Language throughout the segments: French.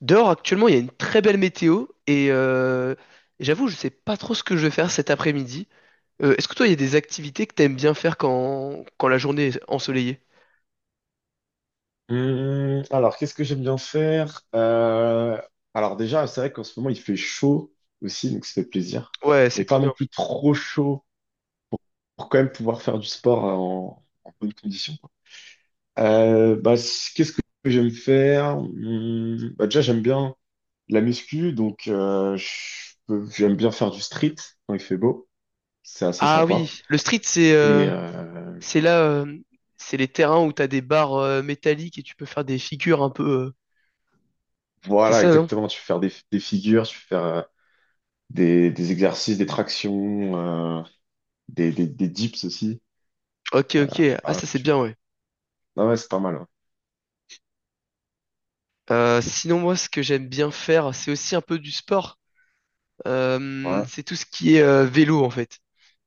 Dehors, actuellement, il y a une très belle météo j'avoue, je sais pas trop ce que je vais faire cet après-midi. Est-ce que toi, il y a des activités que t'aimes bien faire quand la journée est ensoleillée? Alors, qu'est-ce que j'aime bien faire? Alors déjà, c'est vrai qu'en ce moment, il fait chaud aussi, donc ça fait plaisir. Ouais, c'est Mais pas trop non bien. plus trop chaud pour quand même pouvoir faire du sport en bonne condition, quoi. Bah, qu'est-ce que j'aime faire? Bah, déjà, j'aime bien la muscu, donc j'aime bien faire du street quand il fait beau. C'est assez Ah sympa. oui, le street, Et c'est c'est les terrains où t'as des barres métalliques et tu peux faire des figures un peu. C'est voilà, ça, non? exactement, tu peux faire des figures, tu peux faire des exercices, des tractions. euh, des dips aussi. Ok, ok. Ah, Ah, ça, c'est bien, ouais. non, ouais, c'est pas mal. Sinon, moi, ce que j'aime bien faire, c'est aussi un peu du sport. Ouais. Ouais, C'est tout ce qui est vélo, en fait.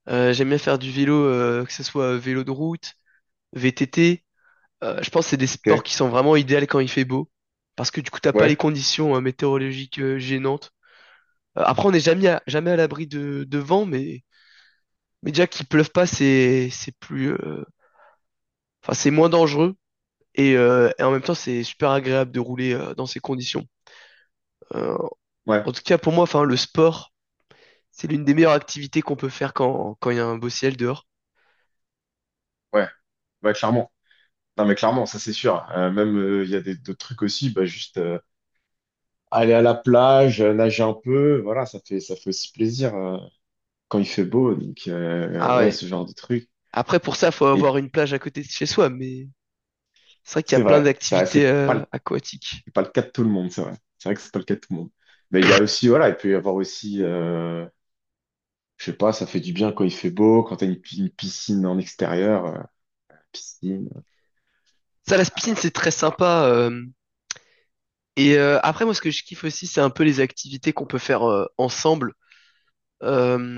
J'aime bien faire du vélo, que ce soit vélo de route, VTT. Je pense que c'est des sports ok. qui sont vraiment idéaux quand il fait beau, parce que du coup, t'as pas Ouais, les conditions météorologiques gênantes. Après, on n'est jamais à l'abri de vent, mais déjà qu'il pleuve pas, c'est plus, enfin, c'est moins dangereux. Et en même temps, c'est super agréable de rouler dans ces conditions. Euh, ouais, En tout cas, pour moi, enfin, le sport, c'est l'une des meilleures activités qu'on peut faire quand il y a un beau ciel dehors. ouais. Ouais, clairement. Non, mais clairement, ça c'est sûr. Même, il y a d'autres trucs aussi. Bah, juste aller à la plage, nager un peu. Voilà, ça fait aussi plaisir quand il fait beau. Donc, Ah ouais, ouais. ce genre de trucs. Après, pour ça, faut Et avoir une plage à côté de chez soi, mais c'est vrai qu'il y a c'est plein vrai, ça, d'activités c'est pas le, aquatiques. c'est pas le cas de tout le monde, c'est vrai. C'est vrai que c'est pas le cas de tout le monde. Mais il y a aussi, voilà, il peut y avoir aussi, je sais pas, ça fait du bien quand il fait beau, quand t'as une piscine en extérieur, piscine. Ça, la piscine, c'est très sympa. Et après, moi, ce que je kiffe aussi, c'est un peu les activités qu'on peut faire ensemble.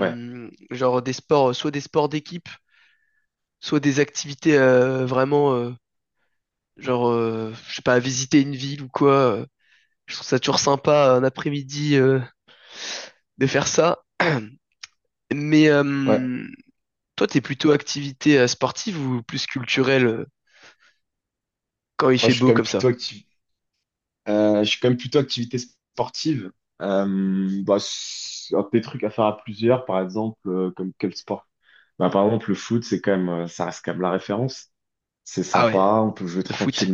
Ouais. Genre des sports, soit des sports d'équipe, soit des activités vraiment, genre, je sais pas, visiter une ville ou quoi. Je trouve ça toujours sympa un après-midi de faire ça. Mais Ouais, euh, Toi, t'es plutôt activité sportive ou plus culturelle quand il moi fait je suis beau quand même comme ça? plutôt actif. Je suis quand même plutôt activité sportive. Bah, c'est un des trucs à faire à plusieurs, par exemple, comme quel sport? Bah, par exemple, le foot, c'est quand même, ça reste quand même la référence. C'est Ah ouais, sympa, on peut jouer le foot.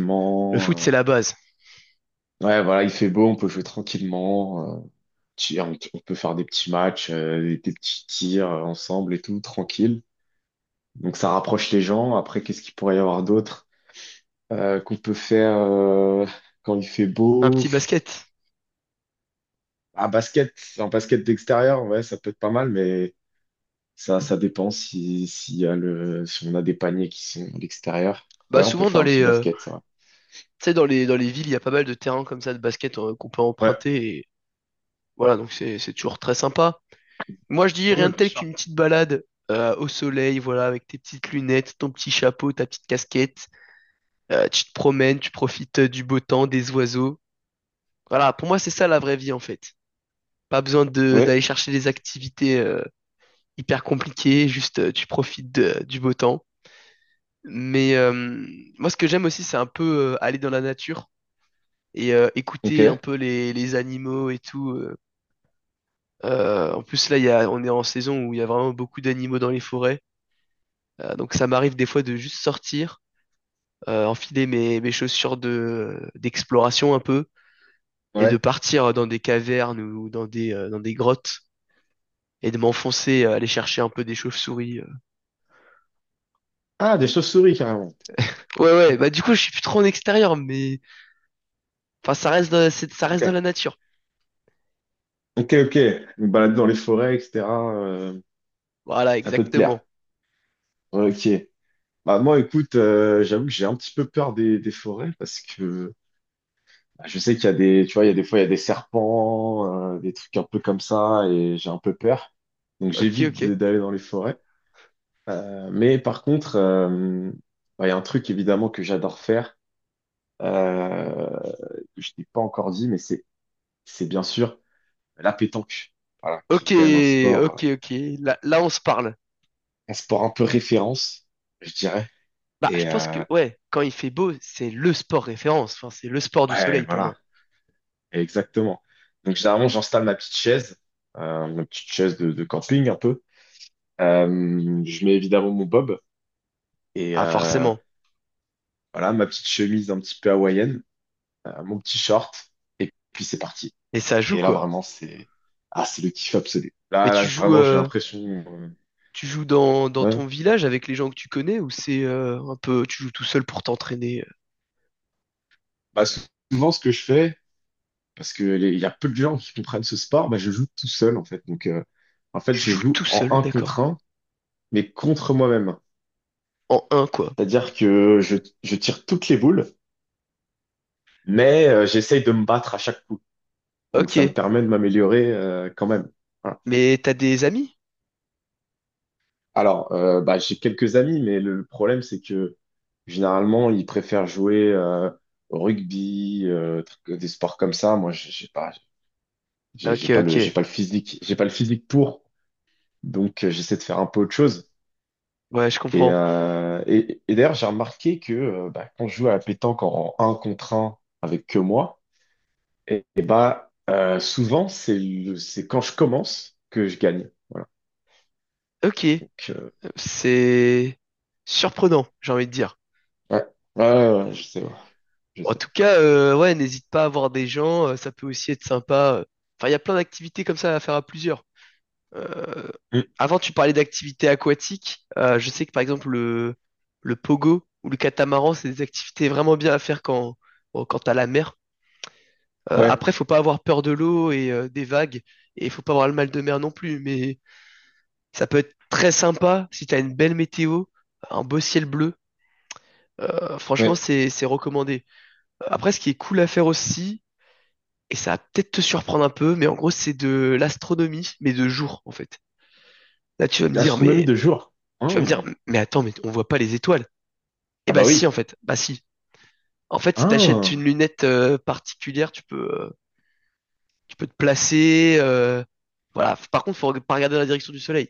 Le foot, c'est la base. Ouais, voilà, il fait beau, on peut jouer tranquillement. On peut faire des petits matchs, des petits tirs ensemble et tout, tranquille. Donc ça rapproche les gens. Après, qu'est-ce qu'il pourrait y avoir d'autre qu'on peut faire quand il fait Un beau? petit basket. Ah, basket, en basket d'extérieur, ouais, ça peut être pas mal, mais ça dépend si, s'il y a le, si on a des paniers qui sont à l'extérieur. Bah Ouais, on peut souvent dans faire un petit les, basket, ça va. tu sais, dans les villes, il y a pas mal de terrains comme ça de basket qu'on peut Ouais, emprunter. Et voilà, donc c'est toujours très sympa. Moi, je dis ouais, rien ouais, de bien tel sûr. qu'une petite balade au soleil, voilà, avec tes petites lunettes, ton petit chapeau, ta petite casquette. Tu te promènes, tu profites du beau temps, des oiseaux. Voilà, pour moi, c'est ça la vraie vie en fait. Pas besoin de Ouais, d'aller chercher des activités hyper compliquées, juste tu profites du beau temps. Mais euh, Moi, ce que j'aime aussi, c'est un peu aller dans la nature et ok, écouter un peu les animaux et tout. En plus, là, on est en saison où il y a vraiment beaucoup d'animaux dans les forêts. Donc, ça m'arrive des fois de juste sortir, enfiler mes chaussures d'exploration un peu et de ouais. partir dans des cavernes ou dans des grottes et de m'enfoncer, aller chercher un peu des chauves-souris. Ah, des chauves-souris, carrément. Ouais, ouais, Ouais, bah du coup, je suis plus trop en extérieur, mais enfin, ça reste dans, ça reste dans ok, la nature. ok, ok. Une balade dans les forêts, etc. euh, Voilà, ça peut te plaire. exactement. Ouais, ok. Bah, moi, écoute, j'avoue que j'ai un petit peu peur des forêts parce que bah, je sais qu'il y a tu vois, il y a des fois, il y a des serpents, des trucs un peu comme ça, et j'ai un peu peur. Donc Ok, j'évite ok. D'aller dans les forêts. Mais par contre, bah, il y a un truc évidemment que j'adore faire, euh, que je t'ai pas encore dit, mais c'est bien sûr la pétanque. Voilà, qui est Ok, quand même un sport, euh, ok, ok. Là, là, on se parle. un sport un peu référence, je dirais. Bah, je Et pense que, ouais, quand il fait beau, c'est le sport référence. Enfin, c'est le sport du ouais, soleil pour voilà, moi. exactement. Donc généralement, j'installe ma petite chaise de camping un peu. Je mets évidemment mon bob et Ah, forcément. voilà ma petite chemise un petit peu hawaïenne, mon petit short et puis c'est parti. Et ça joue, Et là quoi. vraiment c'est le kiff absolu. Mais Là tu joues, vraiment j'ai euh, l'impression euh, Tu joues dans, dans ouais. ton village avec les gens que tu connais ou c'est un peu tu joues tout seul pour t'entraîner? Bah, souvent ce que je fais parce que il y a peu de gens qui comprennent ce sport, bah je joue tout seul en fait. Donc en fait Tu je joues joue tout en seul, un contre d'accord. un mais contre moi-même. En un quoi. C'est-à-dire que je tire toutes les boules mais j'essaye de me battre à chaque coup. Donc Ok. ça me permet de m'améliorer quand même. Voilà. Mais t'as des amis? Alors, bah, j'ai quelques amis, mais le problème, c'est que généralement, ils préfèrent jouer au rugby, des sports comme ça. Moi, j'ai pas, j'ai Ok, j'ai pas le, j'ai ok. pas le physique, j'ai pas le physique pour. Donc, j'essaie de faire un peu autre chose. Ouais, je Et, comprends. euh, et, et d'ailleurs, j'ai remarqué que bah, quand je joue à la pétanque en un contre un avec que moi, et bah, souvent, c'est quand je commence que je gagne. Voilà. Ok. Donc, C'est surprenant, j'ai envie de dire. ouais, ouais, ouais, ouais, je sais, ouais, je En sais. tout cas, ouais, n'hésite pas à voir des gens, ça peut aussi être sympa. Enfin, il y a plein d'activités comme ça à faire à plusieurs. Euh, Mm. Avant, tu parlais d'activités aquatiques. Je sais que par exemple le pogo ou le catamaran, c'est des activités vraiment bien à faire quand, bon, quand t'as la mer. Ouais. Après, faut pas avoir peur de l'eau et des vagues, et faut pas avoir le mal de mer non plus. Mais ça peut être très sympa si t'as une belle météo, un beau ciel bleu. Franchement, Ouais. c'est recommandé. Après, ce qui est cool à faire aussi, et ça va peut-être te surprendre un peu, mais en gros, c'est de l'astronomie, mais de jour en fait. Là, tu vas me dire, L'astronomie mais de jour. tu vas me Hein. dire, mais attends, mais on voit pas les étoiles. Eh Ah bah bah si, oui. en fait. Bah si. En fait, si t'achètes Hein. une lunette particulière, tu peux te placer. Voilà. Par contre, faut pas regarder dans la direction du soleil.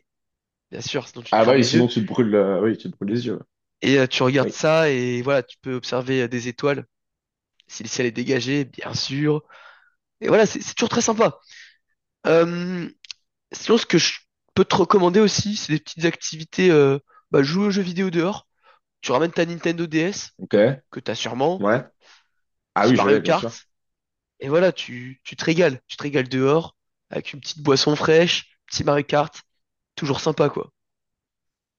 Bien sûr, sinon tu te Ah bah crames oui, les yeux. sinon tu te brûles, oui, tu te brûles les yeux. Et tu regardes Oui. ça et voilà, tu peux observer des étoiles. Si le ciel est dégagé, bien sûr. Et voilà, c'est toujours très sympa. Euh, Sinon, ce que je peux te recommander aussi, c'est des petites activités. Bah, jouer aux jeux vidéo dehors. Tu ramènes ta Nintendo DS, Ok. que t'as sûrement. Ouais. Ah Petit oui, je Mario l'ai, bien Kart. sûr. Et voilà, tu te régales. Tu te régales dehors, avec une petite boisson fraîche, petit Mario Kart, toujours sympa, quoi.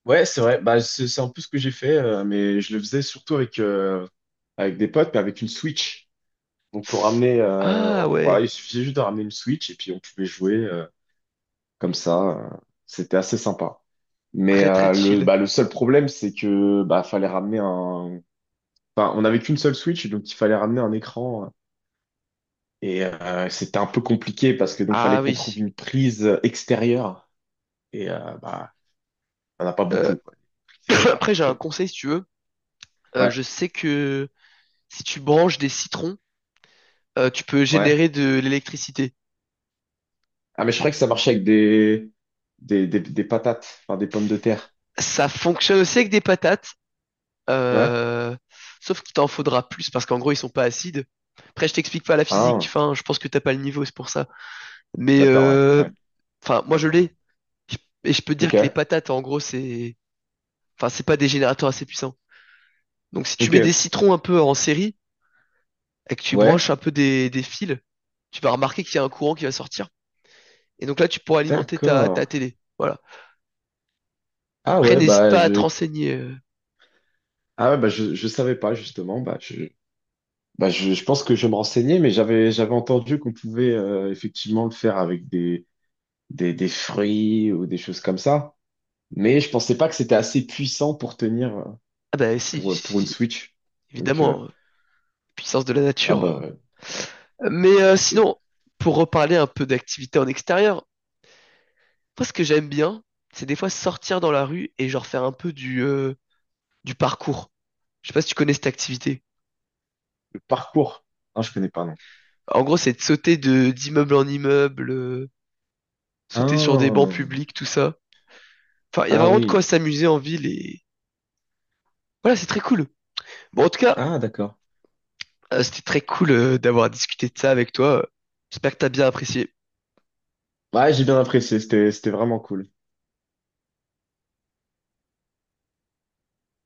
Ouais, c'est vrai. Bah, c'est un peu ce que j'ai fait, mais je le faisais surtout avec des potes, mais avec une Switch. Donc, on ramenait, Ah voilà, ouais, il suffisait juste de ramener une Switch et puis on pouvait jouer comme ça. C'était assez sympa. Mais très très le, chill. bah, le seul problème, c'est que bah, fallait ramener un. Enfin, on n'avait qu'une seule Switch, donc il fallait ramener un écran. Et c'était un peu compliqué parce que donc Ah fallait qu'on trouve oui. une prise extérieure et bah on n'a pas Euh, beaucoup quoi, etc. après, j'ai un conseil si tu veux. Ouais, Je sais que si tu branches des citrons, tu peux ouais. générer de l'électricité. Ah mais je croyais que ça marchait avec des patates, enfin des pommes de terre. Ça fonctionne aussi avec des patates, Ouais. euh, sauf qu'il t'en faudra plus parce qu'en gros, ils sont pas acides. Après, je t'explique pas la physique. Ah, Enfin, je pense que t'as pas le niveau, c'est pour ça. Mais d'accord, ouais, euh, ouais. enfin, moi je l'ai. Je- Et je peux te dire Ok, que les patates, en gros, c'est, enfin, c'est pas des générateurs assez puissants. Donc, si tu ok, mets des citrons un peu en série et que tu branches ouais, un peu des fils, tu vas remarquer qu'il y a un courant qui va sortir. Et donc là, tu pourras alimenter ta d'accord. télé. Voilà. Ah Après, ouais n'hésite bah pas à te je renseigner. ah ouais, bah je savais pas justement, bah je pense que je me renseignais mais j'avais entendu qu'on pouvait effectivement le faire avec des fruits ou des choses comme ça. Mais je pensais pas que c'était assez puissant pour tenir Ah bah si, si, pour si, une si. Switch. Donc, Évidemment, puissance de la ah nature. bah, ouais. Écoutez, Sinon, pour reparler un peu d'activité en extérieur, moi ce que j'aime bien, c'est des fois sortir dans la rue et genre faire un peu du parcours. Je sais pas si tu connais cette activité. le parcours. Ah, je connais pas, non. En gros, c'est de sauter de d'immeuble en immeuble, sauter sur des bancs Ah, publics, tout ça. Enfin, il y a ah vraiment de quoi oui. s'amuser en ville et voilà, c'est très cool. Bon, en tout cas, Ah, d'accord. C'était très cool d'avoir discuté de ça avec toi. J'espère que t'as bien apprécié. Ouais, j'ai bien apprécié. C'était vraiment cool.